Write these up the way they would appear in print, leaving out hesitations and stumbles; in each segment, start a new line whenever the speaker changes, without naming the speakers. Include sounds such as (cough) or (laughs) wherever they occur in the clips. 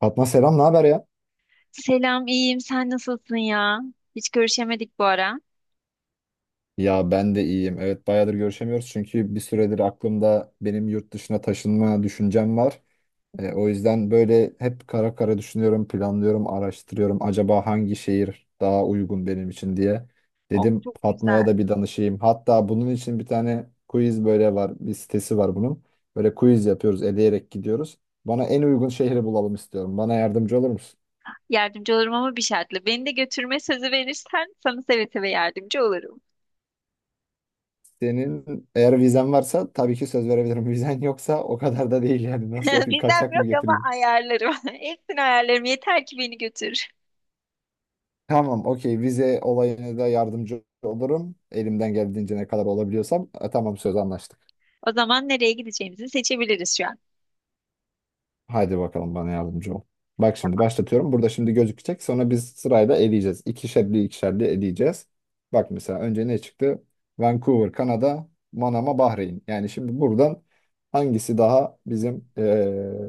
Fatma selam, ne haber ya?
Selam, iyiyim. Sen nasılsın ya? Hiç görüşemedik bu ara.
Ya ben de iyiyim. Evet bayağıdır görüşemiyoruz çünkü bir süredir aklımda benim yurt dışına taşınma düşüncem var. O yüzden böyle hep kara kara düşünüyorum, planlıyorum, araştırıyorum. Acaba hangi şehir daha uygun benim için diye.
Oh,
Dedim
çok güzel.
Fatma'ya da bir danışayım. Hatta bunun için bir tane quiz böyle var, bir sitesi var bunun. Böyle quiz yapıyoruz, eleyerek gidiyoruz. Bana en uygun şehri bulalım istiyorum. Bana yardımcı olur musun?
Yardımcı olurum ama bir şartla. Beni de götürme sözü verirsen sana seve seve yardımcı olurum.
Senin eğer vizen varsa tabii ki söz verebilirim. (laughs) Vizen yoksa o kadar da değil yani. Nasıl
(laughs)
yapayım?
Bizden
Kaçak mı
yok ama
getireyim?
ayarlarım. (laughs) Hepsini ayarlarım. Yeter ki beni götür.
Tamam, okey. Vize olayına da yardımcı olurum. Elimden geldiğince ne kadar olabiliyorsam. Tamam söz anlaştık.
O zaman nereye gideceğimizi seçebiliriz şu an.
Haydi bakalım bana yardımcı ol. Bak şimdi
Tamam.
başlatıyorum. Burada şimdi gözükecek. Sonra biz sırayla eleyeceğiz. İkişerli ikişerli eleyeceğiz. Bak mesela önce ne çıktı? Vancouver, Kanada, Manama, Bahreyn. Yani şimdi buradan hangisi daha bizim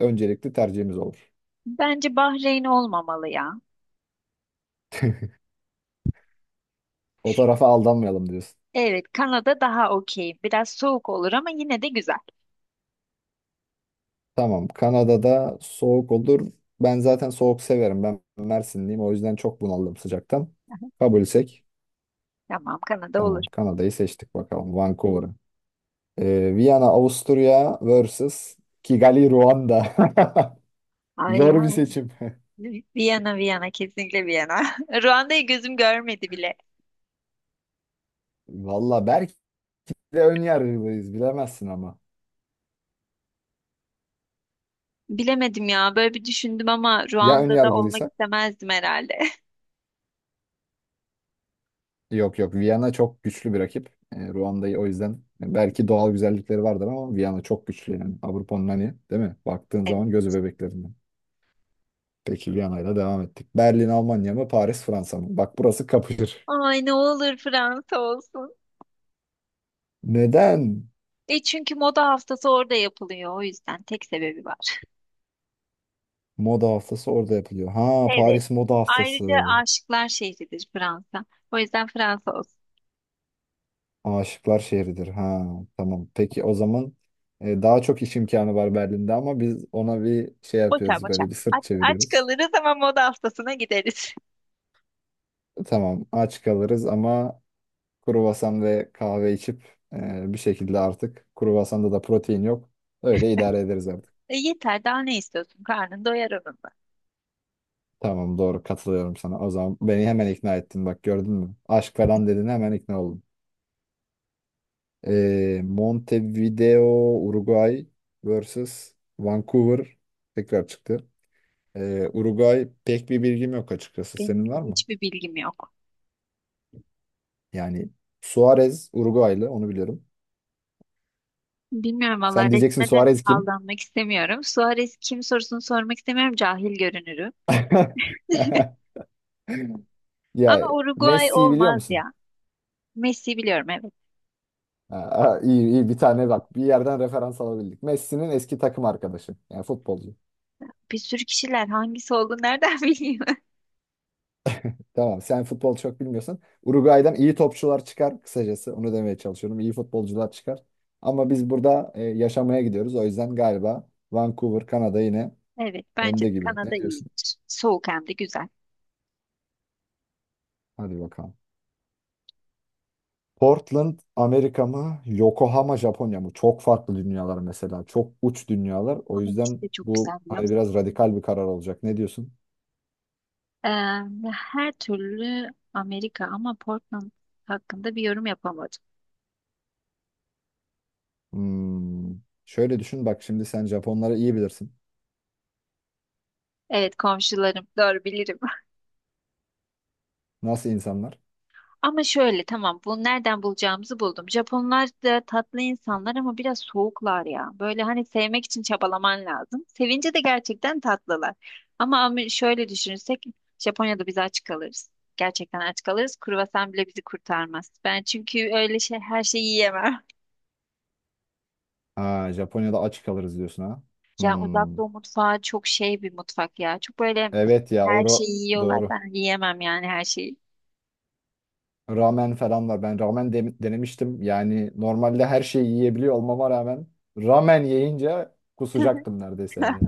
öncelikli tercihimiz olur?
Bence Bahreyn olmamalı ya.
O tarafa aldanmayalım diyorsun.
Evet, Kanada daha okey. Biraz soğuk olur ama yine de güzel.
Tamam. Kanada'da soğuk olur. Ben zaten soğuk severim. Ben Mersinliyim. O yüzden çok bunaldım sıcaktan. Kabulsek.
Tamam, Kanada olur.
Tamam. Kanada'yı seçtik bakalım. Vancouver'ı. Viyana, Avusturya vs. Kigali, Ruanda. (laughs)
Ay
Zor bir
ya.
seçim. (laughs)
Viyana, Viyana. Kesinlikle Viyana. (laughs) Ruanda'yı gözüm görmedi bile.
Valla belki de ön yargılıyız. Bilemezsin ama.
Bilemedim ya. Böyle bir düşündüm ama
Ya ön
Ruanda'da olmak
yargılıysak?
istemezdim herhalde. (laughs)
Yok yok Viyana çok güçlü bir rakip. Ruanda'yı o yüzden belki doğal güzellikleri vardır ama Viyana çok güçlü yani. Avrupa'nın hani değil mi? Baktığın
Evet.
zaman gözü bebeklerinden. Peki Viyana'yla devam ettik. Berlin Almanya mı Paris Fransa mı? Bak burası kapışır.
Ay ne olur Fransa olsun.
Neden?
E çünkü moda haftası orada yapılıyor. O yüzden tek sebebi var.
Moda haftası orada yapılıyor. Ha
Evet.
Paris moda
Ayrıca
haftası.
aşıklar şehridir Fransa. O yüzden Fransa olsun.
Aşıklar şehridir. Ha tamam. Peki o zaman daha çok iş imkanı var Berlin'de ama biz ona bir şey
Boşver
yapıyoruz
boşver.
böyle bir sırt
Aç, aç
çeviriyoruz.
kalırız ama moda haftasına gideriz.
Tamam aç kalırız ama kruvasan ve kahve içip bir şekilde artık kruvasanda da protein yok. Öyle idare ederiz artık.
(laughs) E yeter daha ne istiyorsun? Karnın doyar onunla.
Tamam doğru katılıyorum sana. O zaman beni hemen ikna ettin bak gördün mü? Aşk falan dedin hemen ikna oldum. Montevideo, Uruguay vs Vancouver tekrar çıktı. Uruguay pek bir bilgim yok açıkçası.
Benim
Senin
de
var mı?
hiçbir bilgim yok.
Yani Suarez Uruguaylı onu biliyorum.
Bilmiyorum valla
Sen diyeceksin
resme de
Suarez kim?
aldanmak istemiyorum. Suarez kim sorusunu sormak istemiyorum. Cahil görünürüm.
(laughs) Ya
Ama Uruguay
Messi'yi biliyor
olmaz
musun?
ya. Messi biliyorum evet.
Ha, ha, iyi iyi bir tane bak bir yerden referans alabildik. Messi'nin eski takım arkadaşı yani futbolcu.
Bir sürü kişiler hangisi olduğunu nereden (laughs) bileyim?
Tamam sen futbol çok bilmiyorsun. Uruguay'dan iyi topçular çıkar kısacası onu demeye çalışıyorum. İyi futbolcular çıkar. Ama biz burada yaşamaya gidiyoruz. O yüzden galiba Vancouver Kanada yine
Evet bence
önde
de
gibi. Ne
Kanada
diyorsun?
iyidir. Soğuk hem de güzel.
Hadi bakalım. Portland Amerika mı? Yokohama Japonya mı? Çok farklı dünyalar mesela. Çok uç dünyalar. O
Ama ikisi
yüzden
de çok
bu
güzel biliyor
hani
musun?
biraz radikal bir karar olacak. Ne diyorsun?
Ee, her türlü Amerika ama Portland hakkında bir yorum yapamadım.
Hmm. Şöyle düşün bak şimdi sen Japonları iyi bilirsin.
Evet komşularım doğru bilirim.
Nasıl insanlar?
Ama şöyle tamam bu nereden bulacağımızı buldum. Japonlar da tatlı insanlar ama biraz soğuklar ya. Böyle hani sevmek için çabalaman lazım. Sevince de gerçekten tatlılar. Ama şöyle düşünürsek Japonya'da biz aç kalırız. Gerçekten aç kalırız. Kruvasan bile bizi kurtarmaz. Ben çünkü öyle şey her şeyi yiyemem.
Ha, Japonya'da aç kalırız diyorsun ha.
(laughs) Yani uzak
Hmm.
doğu mutfağı çok şey bir mutfak ya. Çok böyle
Evet ya
her şeyi yiyorlar.
doğru.
Ben yiyemem yani her şeyi.
Ramen falan var. Ben ramen denemiştim. Yani normalde her şeyi yiyebiliyor olmama rağmen ramen yiyince
(laughs)
kusacaktım neredeyse yani.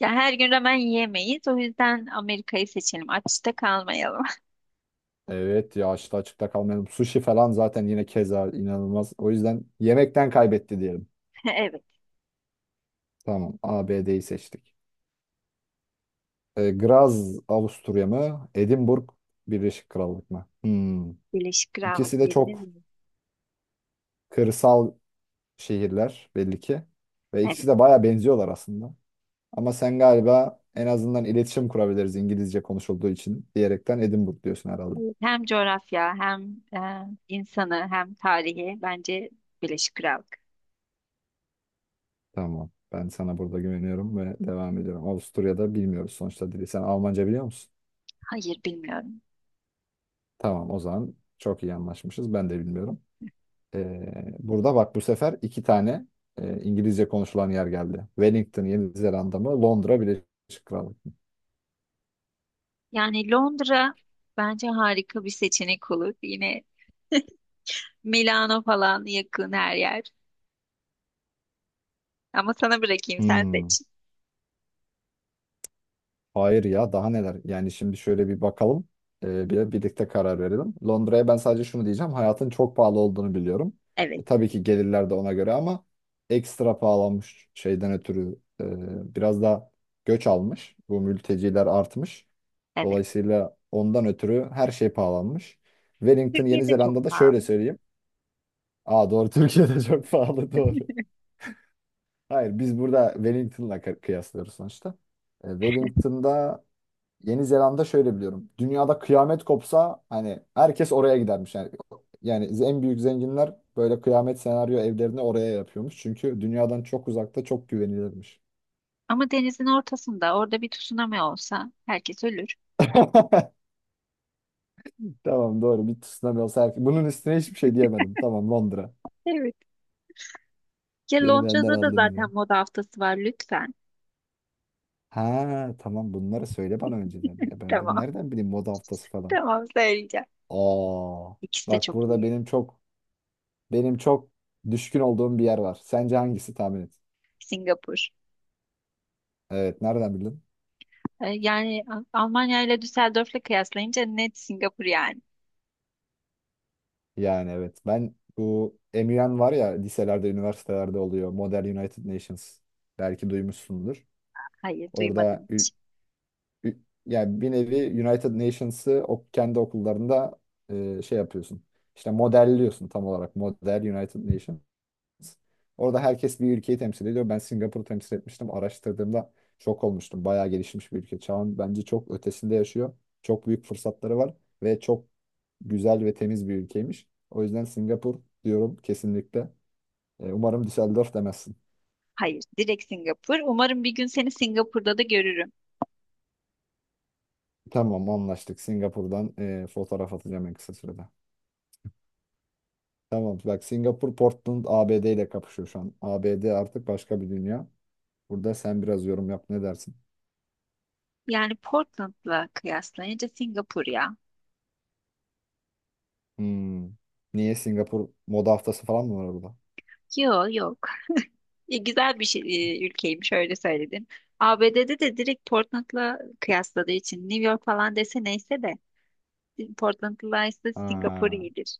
Ya her gün ramen yiyemeyiz. O yüzden Amerika'yı seçelim. Açta kalmayalım.
Evet ya açta açıkta kalmayalım. Sushi falan zaten yine keza inanılmaz. O yüzden yemekten kaybetti diyelim.
(laughs) Evet,
Tamam ABD'yi seçtik. Graz Avusturya mı? Edinburgh Birleşik Krallık mı? Hmm.
Birleşik
İkisi
Krallık
de
diyebilir
çok
miyiz?
kırsal şehirler belli ki. Ve ikisi
Evet.
de baya benziyorlar aslında. Ama sen galiba en azından iletişim kurabiliriz İngilizce konuşulduğu için diyerekten Edinburgh diyorsun herhalde.
Evet, hem coğrafya hem insanı hem tarihi bence Birleşik Krallık.
Tamam. Ben sana burada güveniyorum ve devam ediyorum. Avusturya'da bilmiyoruz sonuçta dili. Sen Almanca biliyor musun?
Hayır bilmiyorum.
Tamam o zaman çok iyi anlaşmışız. Ben de bilmiyorum. Burada bak bu sefer iki tane İngilizce konuşulan yer geldi. Wellington, Yeni Zelanda mı? Londra, Birleşik Krallık mı?
Yani Londra bence harika bir seçenek olur. Yine Milano falan yakın her yer. Ama sana bırakayım sen
Hmm,
seç.
hayır ya daha neler? Yani şimdi şöyle bir bakalım. Birlikte karar verelim. Londra'ya ben sadece şunu diyeceğim. Hayatın çok pahalı olduğunu biliyorum.
Evet,
Tabii ki gelirler de ona göre ama ekstra pahalanmış şeyden ötürü biraz da göç almış. Bu mülteciler artmış.
evet.
Dolayısıyla ondan ötürü her şey pahalanmış. Wellington, Yeni
Türkiye'de çok
Zelanda'da şöyle
pahalı.
söyleyeyim. Aa doğru. (laughs) Türkiye'de çok pahalı doğru. Hayır biz burada Wellington'la kıyaslıyoruz sonuçta. Wellington'da Yeni Zelanda şöyle biliyorum. Dünyada kıyamet kopsa hani herkes oraya gidermiş. Yani en büyük zenginler böyle kıyamet senaryo evlerini oraya yapıyormuş. Çünkü dünyadan çok uzakta çok güvenilirmiş.
Ama denizin ortasında orada bir tsunami olsa herkes ölür.
(laughs) Tamam doğru bir tsunami olsa herkes. Bunun üstüne hiçbir şey diyemedim. Tamam Londra.
Evet. Ya
Beni benden
Londra'da da
aldın
zaten
yine.
moda haftası var lütfen.
Ha tamam bunları söyle bana önceden. Ya ben
Tamam, (laughs)
nereden bileyim moda haftası falan.
tamam söyleyeceğim.
Aa,
İkisi de
bak
çok
burada
iyi.
benim çok düşkün olduğum bir yer var. Sence hangisi tahmin et?
Singapur.
Evet, nereden bildin?
Yani Almanya ile Düsseldorf'la kıyaslayınca net Singapur yani.
Yani evet. Ben bu MUN var ya liselerde, üniversitelerde oluyor. Model United Nations. Belki duymuşsundur.
Hayır,
Orada
duymadım hiç.
ü- yani bir nevi United Nations'ı o kendi okullarında şey yapıyorsun. İşte modelliyorsun tam olarak. Model United Nations. Orada herkes bir ülkeyi temsil ediyor. Ben Singapur'u temsil etmiştim. Araştırdığımda şok olmuştum. Bayağı gelişmiş bir ülke. Çağın bence çok ötesinde yaşıyor. Çok büyük fırsatları var ve çok güzel ve temiz bir ülkeymiş. O yüzden Singapur diyorum kesinlikle. Umarım Düsseldorf demezsin.
Hayır, direkt Singapur. Umarım bir gün seni Singapur'da da görürüm.
Tamam anlaştık. Singapur'dan fotoğraf atacağım en kısa sürede. Tamam bak Singapur Portland ABD ile kapışıyor şu an. ABD artık başka bir dünya. Burada sen biraz yorum yap ne dersin?
Yani Portland'la kıyaslayınca Singapur ya.
Hmm. Niye Singapur moda haftası falan mı var orada?
Yok yok. E, güzel bir şey, ülkeymiş öyle söyledin. ABD'de de direkt Portland'la kıyasladığı için New York falan dese neyse de Portland'la ise Singapur
Ha.
iyidir.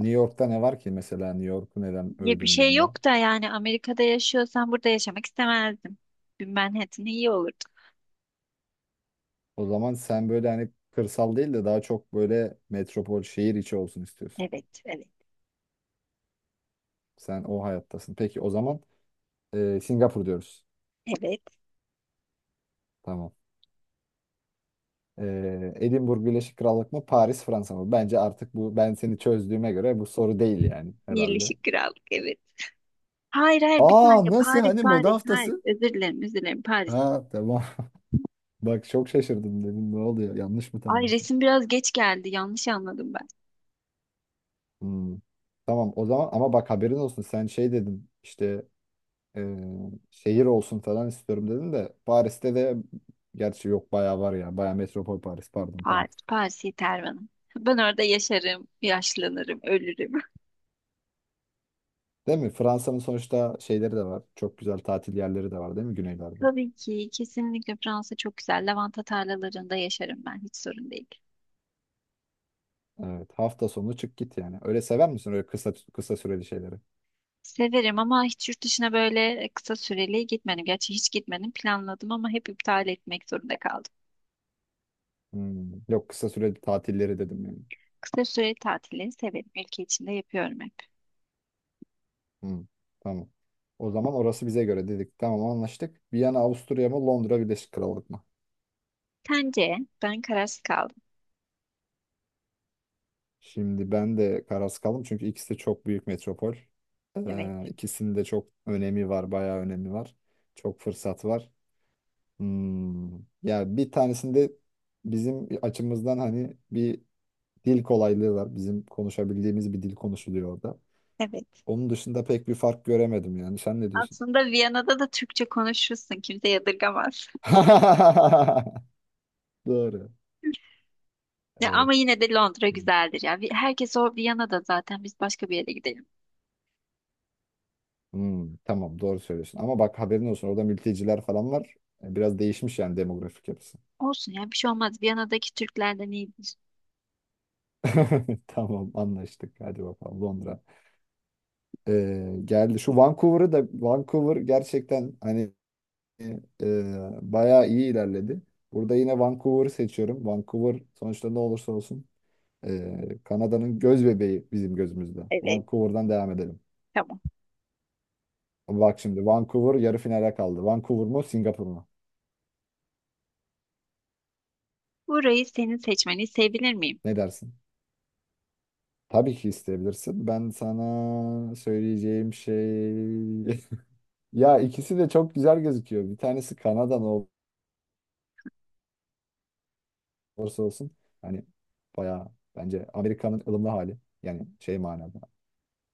New York'ta ne var ki mesela New York'u neden
Ya bir
övdün bir
şey
anda?
yok da yani Amerika'da yaşıyorsan burada yaşamak istemezdim. Bir Manhattan iyi olurdu.
O zaman sen böyle hani kırsal değil de daha çok böyle metropol şehir içi olsun istiyorsun.
Evet, evet,
Sen o hayattasın. Peki o zaman Singapur diyoruz.
evet.
Tamam. Edinburgh Birleşik Krallık mı Paris Fransa mı? Bence artık bu ben seni çözdüğüme göre bu soru değil yani herhalde.
Birleşik Krallık, evet. Hayır, hayır bir tane
Aa nasıl
Paris,
hani moda
Paris, hayır.
haftası?
Özür dilerim, özür dilerim Paris.
Ha tamam. (laughs) Bak çok şaşırdım dedim ne oluyor yanlış mı
Ay
tanımışım?
resim biraz geç geldi, yanlış anladım ben.
Hmm. Tamam o zaman ama bak haberin olsun sen şey dedin işte e, şehir olsun falan istiyorum dedim de Paris'te de gerçi yok bayağı var ya. Bayağı metropol Paris pardon tamam.
Paris, Paris yeter bana. Ben orada yaşarım, yaşlanırım, ölürüm.
Değil mi? Fransa'nın sonuçta şeyleri de var. Çok güzel tatil yerleri de var değil mi
(laughs)
güneylerde?
Tabii ki, kesinlikle Fransa çok güzel. Lavanta tarlalarında yaşarım ben, hiç sorun değil.
Evet. Hafta sonu çık git yani. Öyle sever misin öyle kısa kısa süreli şeyleri?
Severim ama hiç yurt dışına böyle kısa süreli gitmedim. Gerçi hiç gitmedim. Planladım ama hep iptal etmek zorunda kaldım.
Hmm, yok kısa süreli tatilleri dedim yani.
Kısa süreli tatilleri severim. Ülke içinde yapıyorum hep.
Hmm. Tamam. O zaman orası bize göre dedik. Tamam anlaştık. Viyana, Avusturya mı Londra, Birleşik Krallık mı?
Sence? Ben kararsız kaldım.
Şimdi ben de kararsız kaldım çünkü ikisi de çok büyük metropol.
Evet.
İkisinde çok önemi var, bayağı önemi var. Çok fırsat var. Hmm. Ya bir tanesinde bizim açımızdan hani bir dil kolaylığı var. Bizim konuşabildiğimiz bir dil konuşuluyor orada.
Evet.
Onun dışında pek bir fark göremedim yani. Sen ne diyorsun?
Aslında Viyana'da da Türkçe konuşursun. Kimse yadırgamaz. (laughs)
(laughs) Doğru.
Ya
Evet.
ama yine de Londra güzeldir ya. Herkes o Viyana'da zaten. Biz başka bir yere gidelim.
Hmm, tamam doğru söylüyorsun. Ama bak haberin olsun orada mülteciler falan var. Biraz değişmiş yani demografik yapısı.
Olsun ya bir şey olmaz. Viyana'daki Türklerden iyidir.
(laughs) Tamam anlaştık. Hadi bakalım Londra. Geldi. Şu Vancouver'ı da Vancouver gerçekten hani bayağı iyi ilerledi. Burada yine Vancouver'ı seçiyorum. Vancouver sonuçta ne olursa olsun Kanada'nın göz bebeği bizim gözümüzde.
Evet.
Vancouver'dan devam edelim.
Tamam.
Bak şimdi Vancouver yarı finale kaldı. Vancouver mu Singapur mu?
Burayı senin seçmeni sevebilir miyim?
Ne dersin? Tabii ki isteyebilirsin. Ben sana söyleyeceğim şey. (laughs) Ya ikisi de çok güzel gözüküyor. Bir tanesi Kanada'nın olursa olsun hani bayağı bence Amerika'nın ılımlı hali yani şey manada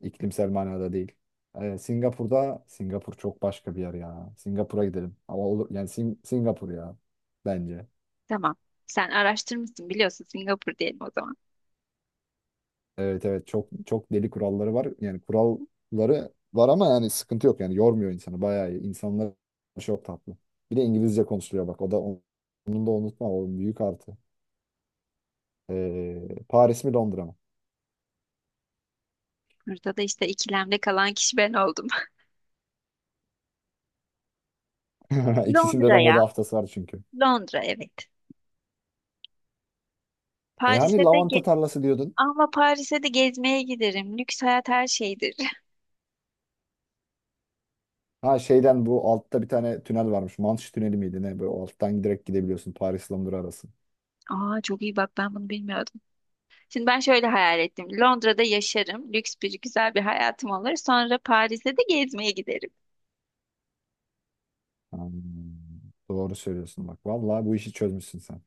iklimsel manada değil. Singapur'da Singapur çok başka bir yer ya. Singapur'a gidelim. Ama olur yani Singapur ya bence.
Tamam. Sen araştırmışsın biliyorsun Singapur diyelim o zaman.
Evet evet çok çok deli kuralları var. Yani kuralları var ama yani sıkıntı yok yani yormuyor insanı bayağı iyi. İnsanlar çok tatlı. Bir de İngilizce konuşuluyor bak o da onun da unutma o büyük artı. Paris mi Londra mı?
Burada da işte ikilemde kalan kişi ben oldum. (laughs)
(laughs) İkisinde de moda
Londra'ya.
haftası var çünkü.
Londra evet.
Hani
Paris'e de ge
lavanta tarlası diyordun.
ama Paris'e de gezmeye giderim. Lüks hayat her şeydir. (laughs)
Ha şeyden bu altta bir tane tünel varmış. Manş tüneli miydi ne? Böyle alttan direkt gidebiliyorsun. Paris Londra arası.
Aa çok iyi bak ben bunu bilmiyordum. Şimdi ben şöyle hayal ettim. Londra'da yaşarım. Lüks bir güzel bir hayatım olur. Sonra Paris'e de gezmeye giderim.
Hmm, doğru söylüyorsun bak. Vallahi bu işi çözmüşsün sen.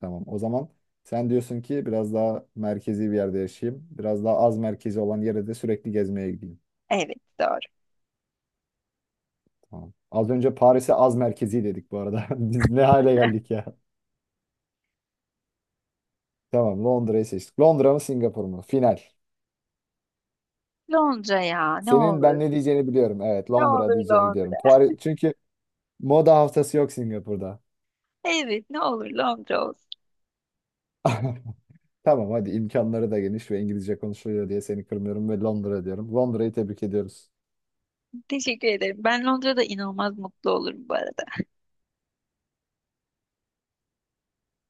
Tamam. O zaman sen diyorsun ki biraz daha merkezi bir yerde yaşayayım. Biraz daha az merkezi olan yere de sürekli gezmeye gideyim.
Evet doğru.
Tamam. Az önce Paris'e az merkezi dedik bu arada. (laughs) Biz ne hale geldik ya. Tamam Londra'yı seçtik. Londra mı Singapur mu? Final.
Londra ya ne
Senin ben
olur.
ne diyeceğini biliyorum. Evet
Ne
Londra
olur
diyeceğini biliyorum.
Londra.
Paris, çünkü moda haftası yok Singapur'da.
Evet ne olur Londra olsun.
(laughs) Tamam hadi imkanları da geniş ve İngilizce konuşuluyor diye seni kırmıyorum ve Londra diyorum. Londra'yı tebrik ediyoruz.
Teşekkür ederim. Ben Londra'da inanılmaz mutlu olurum bu arada.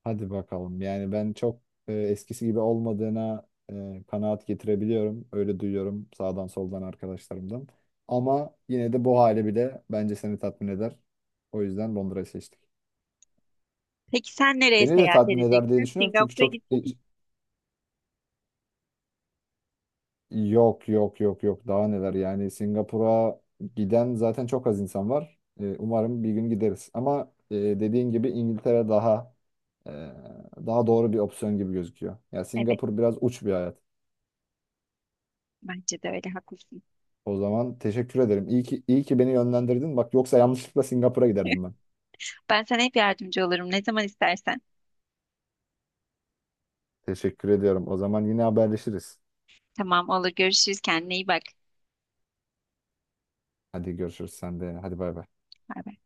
Hadi bakalım. Yani ben çok eskisi gibi olmadığına kanaat getirebiliyorum. Öyle duyuyorum sağdan soldan arkadaşlarımdan. Ama yine de bu hali bile bence seni tatmin eder. O yüzden Londra'yı seçtik.
Peki sen nereye
Beni de
seyahat
tatmin eder diye
edeceksin?
düşünüyorum. Çünkü
Singapur'a
çok.
gittin mi?
Yok yok yok yok daha neler yani Singapur'a giden zaten çok az insan var. Umarım bir gün gideriz. Ama dediğin gibi İngiltere daha e, doğru bir opsiyon gibi gözüküyor. Ya
Evet
Singapur biraz uç bir hayat.
bence de öyle haklısın.
O zaman teşekkür ederim. İyi ki iyi ki beni yönlendirdin. Bak yoksa yanlışlıkla Singapur'a giderdim ben.
Ben sana hep yardımcı olurum ne zaman istersen.
Teşekkür ediyorum. O zaman yine haberleşiriz.
Tamam olur görüşürüz kendine iyi bak.
Hadi görüşürüz sen de. Hadi bay bay.
Bay bay.